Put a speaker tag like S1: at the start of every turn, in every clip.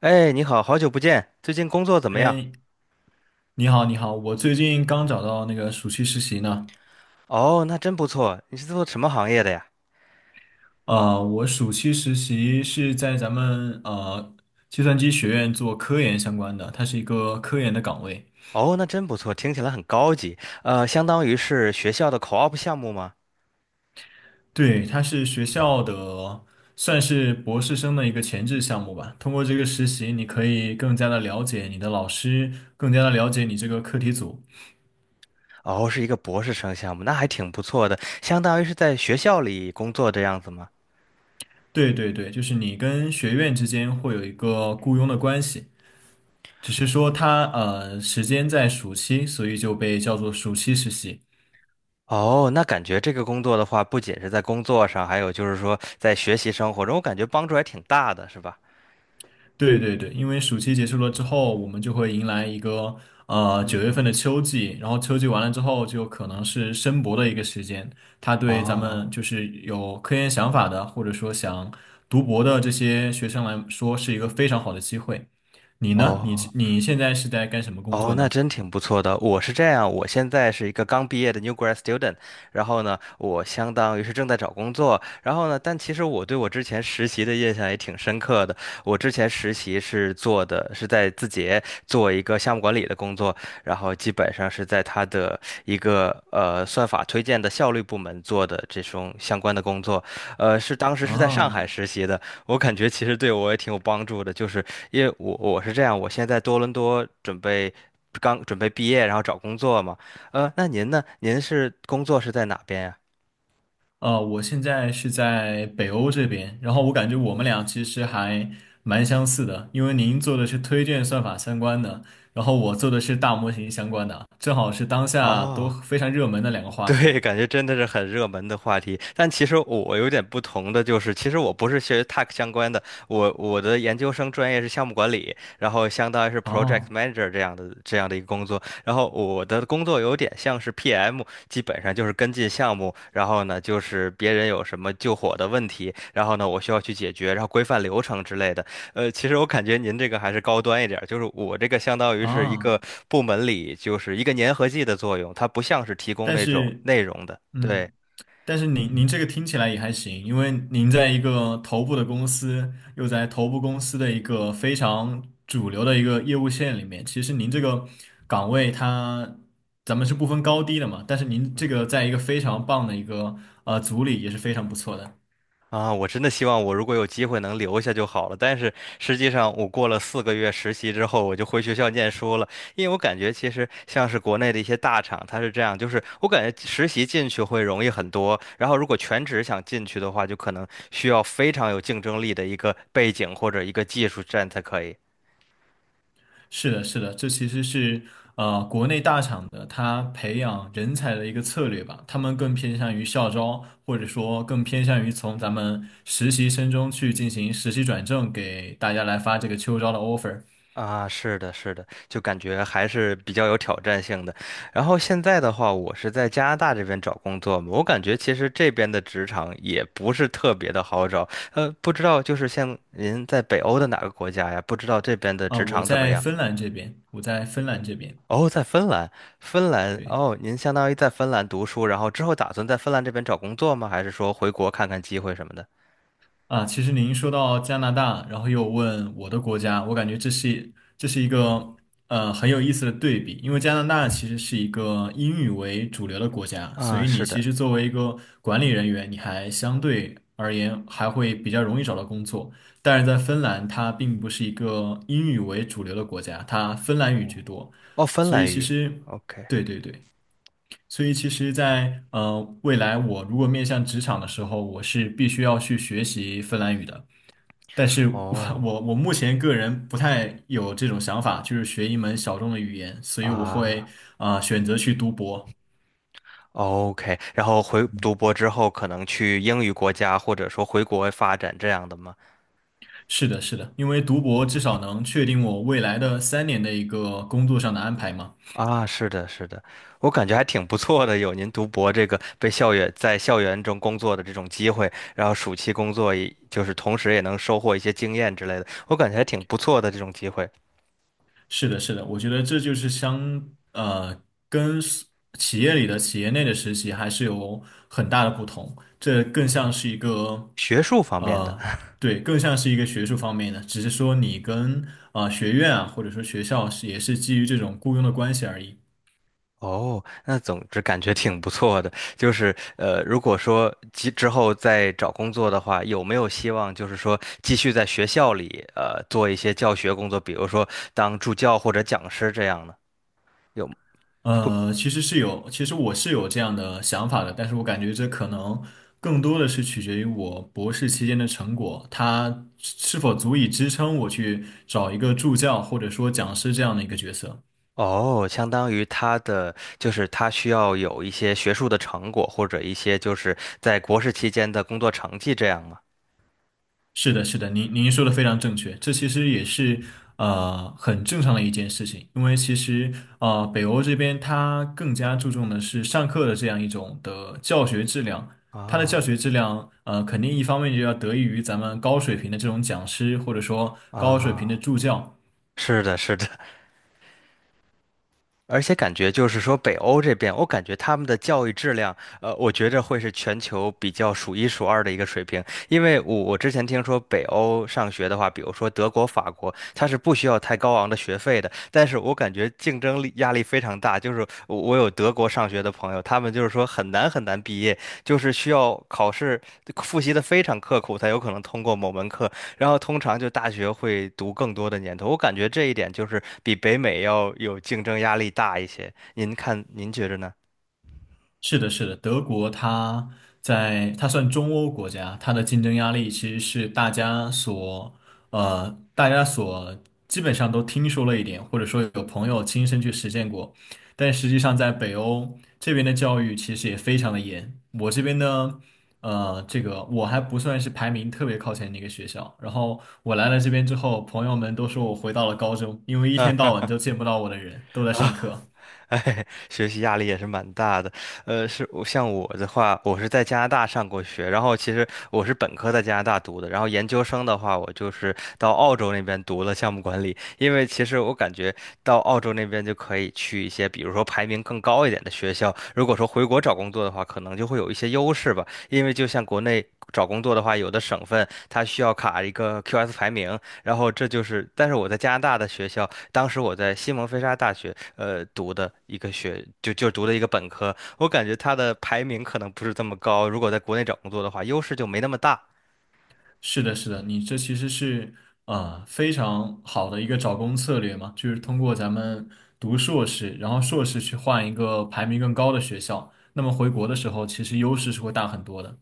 S1: 哎，你好，好久不见，最近工作怎么样？
S2: 哎，你好，你好，我最近刚找到那个暑期实习呢。
S1: 哦，那真不错。你是做什么行业的呀？
S2: 我暑期实习是在咱们计算机学院做科研相关的，它是一个科研的岗位。
S1: 哦，那真不错，听起来很高级。相当于是学校的 co-op 项目吗？
S2: 对，它是学校的算是博士生的一个前置项目吧。通过这个实习，你可以更加的了解你的老师，更加的了解你这个课题组。
S1: 哦，是一个博士生项目，那还挺不错的，相当于是在学校里工作这样子吗？
S2: 对对对，就是你跟学院之间会有一个雇佣的关系。只是说他时间在暑期，所以就被叫做暑期实习。
S1: 哦，那感觉这个工作的话，不仅是在工作上，还有就是说在学习生活中，我感觉帮助还挺大的，是吧？
S2: 对对对，因为暑期结束了之后，我们就会迎来一个
S1: 嗯
S2: 九月
S1: 嗯。
S2: 份的秋季，然后秋季完了之后，就可能是申博的一个时间。它对咱们
S1: 哦
S2: 就是有科研想法的，或者说想读博的这些学生来说，是一个非常好的机会。你呢？你
S1: 哦，
S2: 你现在是在干什么工
S1: 哦，
S2: 作
S1: 那
S2: 呢？
S1: 真挺不错的。我是这样，我现在是一个刚毕业的 new grad student，然后呢，我相当于是正在找工作，然后呢，但其实我对我之前实习的印象也挺深刻的。我之前实习是做的是在字节做一个项目管理的工作，然后基本上是在他的一个算法推荐的效率部门做的这种相关的工作，是当时是在上
S2: 啊。
S1: 海实习的。我感觉其实对我也挺有帮助的，就是因为我是这样，我现在在多伦多准备刚准备毕业，然后找工作嘛。那您呢？您是工作是在哪边呀？
S2: 我现在是在北欧这边，然后我感觉我们俩其实还蛮相似的，因为您做的是推荐算法相关的，然后我做的是大模型相关的，正好是当下都
S1: 哦。
S2: 非常热门的两个 话
S1: 对，
S2: 题。
S1: 感觉真的是很热门的话题。但其实我有点不同的就是，其实我不是学 Tech 相关的，我的研究生专业是项目管理，然后相当于是 Project
S2: 啊
S1: Manager 这样的一个工作。然后我的工作有点像是 PM，基本上就是跟进项目，然后呢就是别人有什么救火的问题，然后呢我需要去解决，然后规范流程之类的。其实我感觉您这个还是高端一点儿，就是我这个相当于是一
S2: 啊，
S1: 个部门里就是一个粘合剂的作用，它不像是提供
S2: 但
S1: 那种
S2: 是，
S1: 内容的。对
S2: 嗯。但是您这个听起来也还行，因为您在一个头部的公司，又在头部公司的一个非常主流的一个业务线里面，其实您这个岗位它，咱们是不分高低的嘛，但是您这个在一个非常棒的一个组里也是非常不错的。
S1: 啊，我真的希望我如果有机会能留下就好了。但是实际上，我过了4个月实习之后，我就回学校念书了，因为我感觉其实像是国内的一些大厂，它是这样，就是我感觉实习进去会容易很多，然后如果全职想进去的话，就可能需要非常有竞争力的一个背景或者一个技术站才可以。
S2: 是的，是的，这其实是国内大厂的他培养人才的一个策略吧，他们更偏向于校招，或者说更偏向于从咱们实习生中去进行实习转正，给大家来发这个秋招的 offer。
S1: 啊，是的，是的，就感觉还是比较有挑战性的。然后现在的话，我是在加拿大这边找工作嘛，我感觉其实这边的职场也不是特别的好找。不知道就是像您在北欧的哪个国家呀？不知道这边的职
S2: 我
S1: 场怎么
S2: 在
S1: 样？
S2: 芬兰这边，我在芬兰这边，
S1: 哦，在芬兰，芬兰，
S2: 对。
S1: 哦，您相当于在芬兰读书，然后之后打算在芬兰这边找工作吗？还是说回国看看机会什么的？
S2: 啊，其实您说到加拿大，然后又问我的国家，我感觉这是这是一个很有意思的对比，因为加拿大其实是一个英语为主流的国家，所
S1: 啊，
S2: 以你
S1: 是
S2: 其
S1: 的，
S2: 实作为一个管理人员，你还相对而言还会比较容易找到工作。但是在芬兰，它并不是一个英语为主流的国家，它芬兰语居多，
S1: 哦，芬
S2: 所以
S1: 兰
S2: 其
S1: 语
S2: 实
S1: ，OK，
S2: 对对对。所以其实在，未来，我如果面向职场的时候，我是必须要去学习芬兰语的。但是我
S1: 哦，
S2: 我我目前个人不太有这种想法，就是学一门小众的语言，所以我会
S1: 啊。
S2: 选择去读博。
S1: OK，然后回读博之后，可能去英语国家，或者说回国外发展这样的吗？
S2: 是的，是的，因为读博至少能确定我未来的三年的一个工作上的安排嘛。
S1: 啊，是的，是的，我感觉还挺不错的，有您读博这个被校园在校园中工作的这种机会，然后暑期工作也就是同时也能收获一些经验之类的，我感觉还挺不错的这种机会，
S2: 是的，是的，我觉得这就是跟 企业里的企业内的实习还是有很大的不同，这更像是一个
S1: 学术方面的。
S2: 呃对，更像是一个学术方面的，只是说你跟学院啊或者说学校是也是基于这种雇佣的关系而已。
S1: 哦，那总之感觉挺不错的。就是如果说之后再找工作的话，有没有希望就是说继续在学校里做一些教学工作，比如说当助教或者讲师这样呢？有会
S2: 呃，其实是有，其实我是有这样的想法的，但是我感觉这可能更多的是取决于我博士期间的成果，它是否足以支撑我去找一个助教或者说讲师这样的一个角色。
S1: 哦，相当于他的就是他需要有一些学术的成果或者一些就是在国士期间的工作成绩这样吗？
S2: 是的，是的，您说的非常正确，这其实也是很正常的一件事情，因为其实北欧这边它更加注重的是上课的这样一种的教学质量，它的教
S1: 啊
S2: 学质量肯定一方面就要得益于咱们高水平的这种讲师或者说高水平的
S1: 啊，
S2: 助教，
S1: 是的，是的。而且感觉就是说，北欧这边，我感觉他们的教育质量，我觉着会是全球比较数一数二的一个水平。因为我之前听说北欧上学的话，比如说德国、法国，它是不需要太高昂的学费的，但是我感觉竞争力压力非常大。就是我有德国上学的朋友，他们就是说很难很难毕业，就是需要考试复习的非常刻苦才有可能通过某门课，然后通常就大学会读更多的年头，我感觉这一点就是比北美要有竞争压力大一些。您看，您觉着呢？
S2: 是的，是的，德国它在它算中欧国家，它的竞争压力其实是大家所基本上都听说了一点，或者说有朋友亲身去实践过，但实际上在北欧这边的教育其实也非常的严。我这边呢，呃，这个我还不算是排名特别靠前的一个学校，然后我来了这边之后，朋友们都说我回到了高中，因为一天到晚都见不到我的人，都在上
S1: 啊？
S2: 课。
S1: 哎，学习压力也是蛮大的。是我像我的话，我是在加拿大上过学，然后其实我是本科在加拿大读的，然后研究生的话，我就是到澳洲那边读了项目管理。因为其实我感觉到澳洲那边就可以去一些，比如说排名更高一点的学校。如果说回国找工作的话，可能就会有一些优势吧。因为就像国内找工作的话，有的省份它需要卡一个 QS 排名，然后这就是，但是我在加拿大的学校，当时我在西蒙菲沙大学，读的一个学，就就读的一个本科，我感觉它的排名可能不是这么高，如果在国内找工作的话，优势就没那么大。
S2: 是的，是的，你这其实是非常好的一个找工策略嘛，就是通过咱们读硕士，然后硕士去换一个排名更高的学校，那么回国的时候其实优势是会大很多的。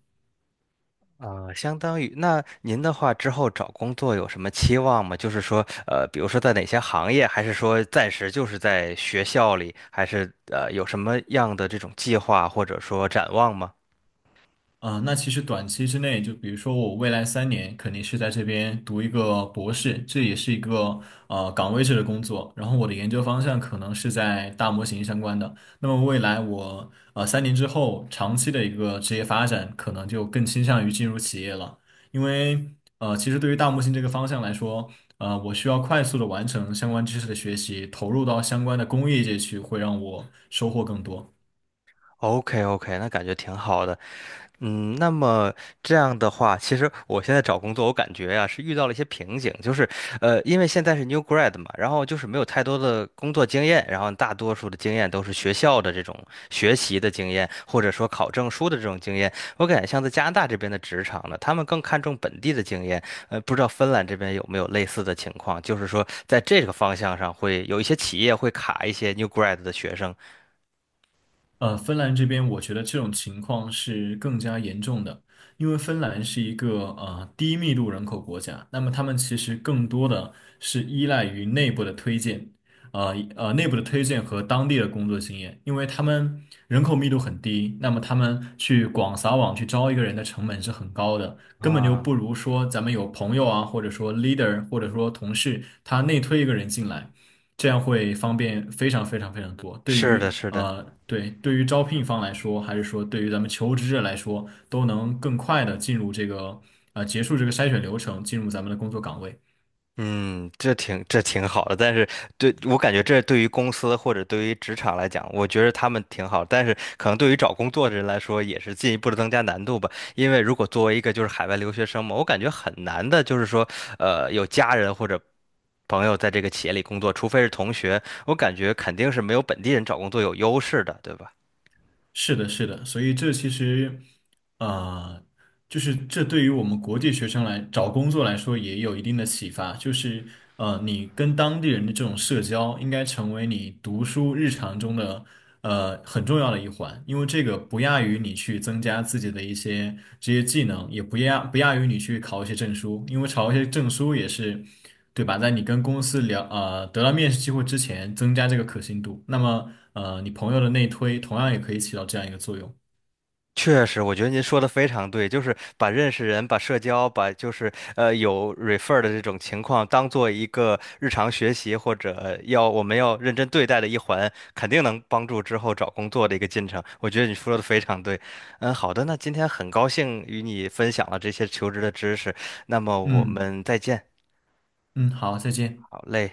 S1: 啊，相当于那您的话之后找工作有什么期望吗？就是说，比如说在哪些行业，还是说暂时就是在学校里，还是有什么样的这种计划或者说展望吗
S2: 啊，那其实短期之内，就比如说我未来三年肯定是在这边读一个博士，这也是一个岗位制的工作。然后我的研究方向可能是在大模型相关的。那么未来我三年之后长期的一个职业发展，可能就更倾向于进入企业了，因为其实对于大模型这个方向来说，我需要快速的完成相关知识的学习，投入到相关的工业界去，会让我收获更多。
S1: ？OK OK，那感觉挺好的。嗯，那么这样的话，其实我现在找工作，我感觉呀、是遇到了一些瓶颈，就是，因为现在是 new grad 嘛，然后就是没有太多的工作经验，然后大多数的经验都是学校的这种学习的经验，或者说考证书的这种经验。我感觉像在加拿大这边的职场呢，他们更看重本地的经验，不知道芬兰这边有没有类似的情况，就是说在这个方向上会有一些企业会卡一些 new grad 的学生
S2: 呃，芬兰这边，我觉得这种情况是更加严重的，因为芬兰是一个低密度人口国家，那么他们其实更多的是依赖于内部的推荐，内部的推荐和当地的工作经验，因为他们人口密度很低，那么他们去广撒网去招一个人的成本是很高的，根本就不
S1: 啊，
S2: 如说咱们有朋友啊，或者说 leader，或者说同事，他内推一个人进来。这样会方便非常非常非常多。对
S1: 是
S2: 于
S1: 的，是的。
S2: 对，对于招聘方来说，还是说对于咱们求职者来说，都能更快的进入这个结束这个筛选流程，进入咱们的工作岗位。
S1: 嗯，这挺好的，但是对我感觉这对于公司或者对于职场来讲，我觉得他们挺好，但是可能对于找工作的人来说，也是进一步的增加难度吧。因为如果作为一个就是海外留学生嘛，我感觉很难的，就是说，有家人或者朋友在这个企业里工作，除非是同学，我感觉肯定是没有本地人找工作有优势的，对吧？
S2: 是的，是的，所以这其实，呃，就是这对于我们国际学生来找工作来说也有一定的启发，就是你跟当地人的这种社交应该成为你读书日常中的很重要的一环，因为这个不亚于你去增加自己的一些职业技能，也不亚于你去考一些证书，因为考一些证书也是。对吧？在你跟公司聊，得到面试机会之前，增加这个可信度。那么，你朋友的内推同样也可以起到这样一个作用。
S1: 确实，我觉得您说的非常对，就是把认识人、把社交、把就是有 refer 的这种情况当做一个日常学习或者要我们要认真对待的一环，肯定能帮助之后找工作的一个进程。我觉得你说的非常对。嗯，好的，那今天很高兴与你分享了这些求职的知识，那么我
S2: 嗯
S1: 们再见。
S2: 嗯，好，再见。
S1: 好嘞。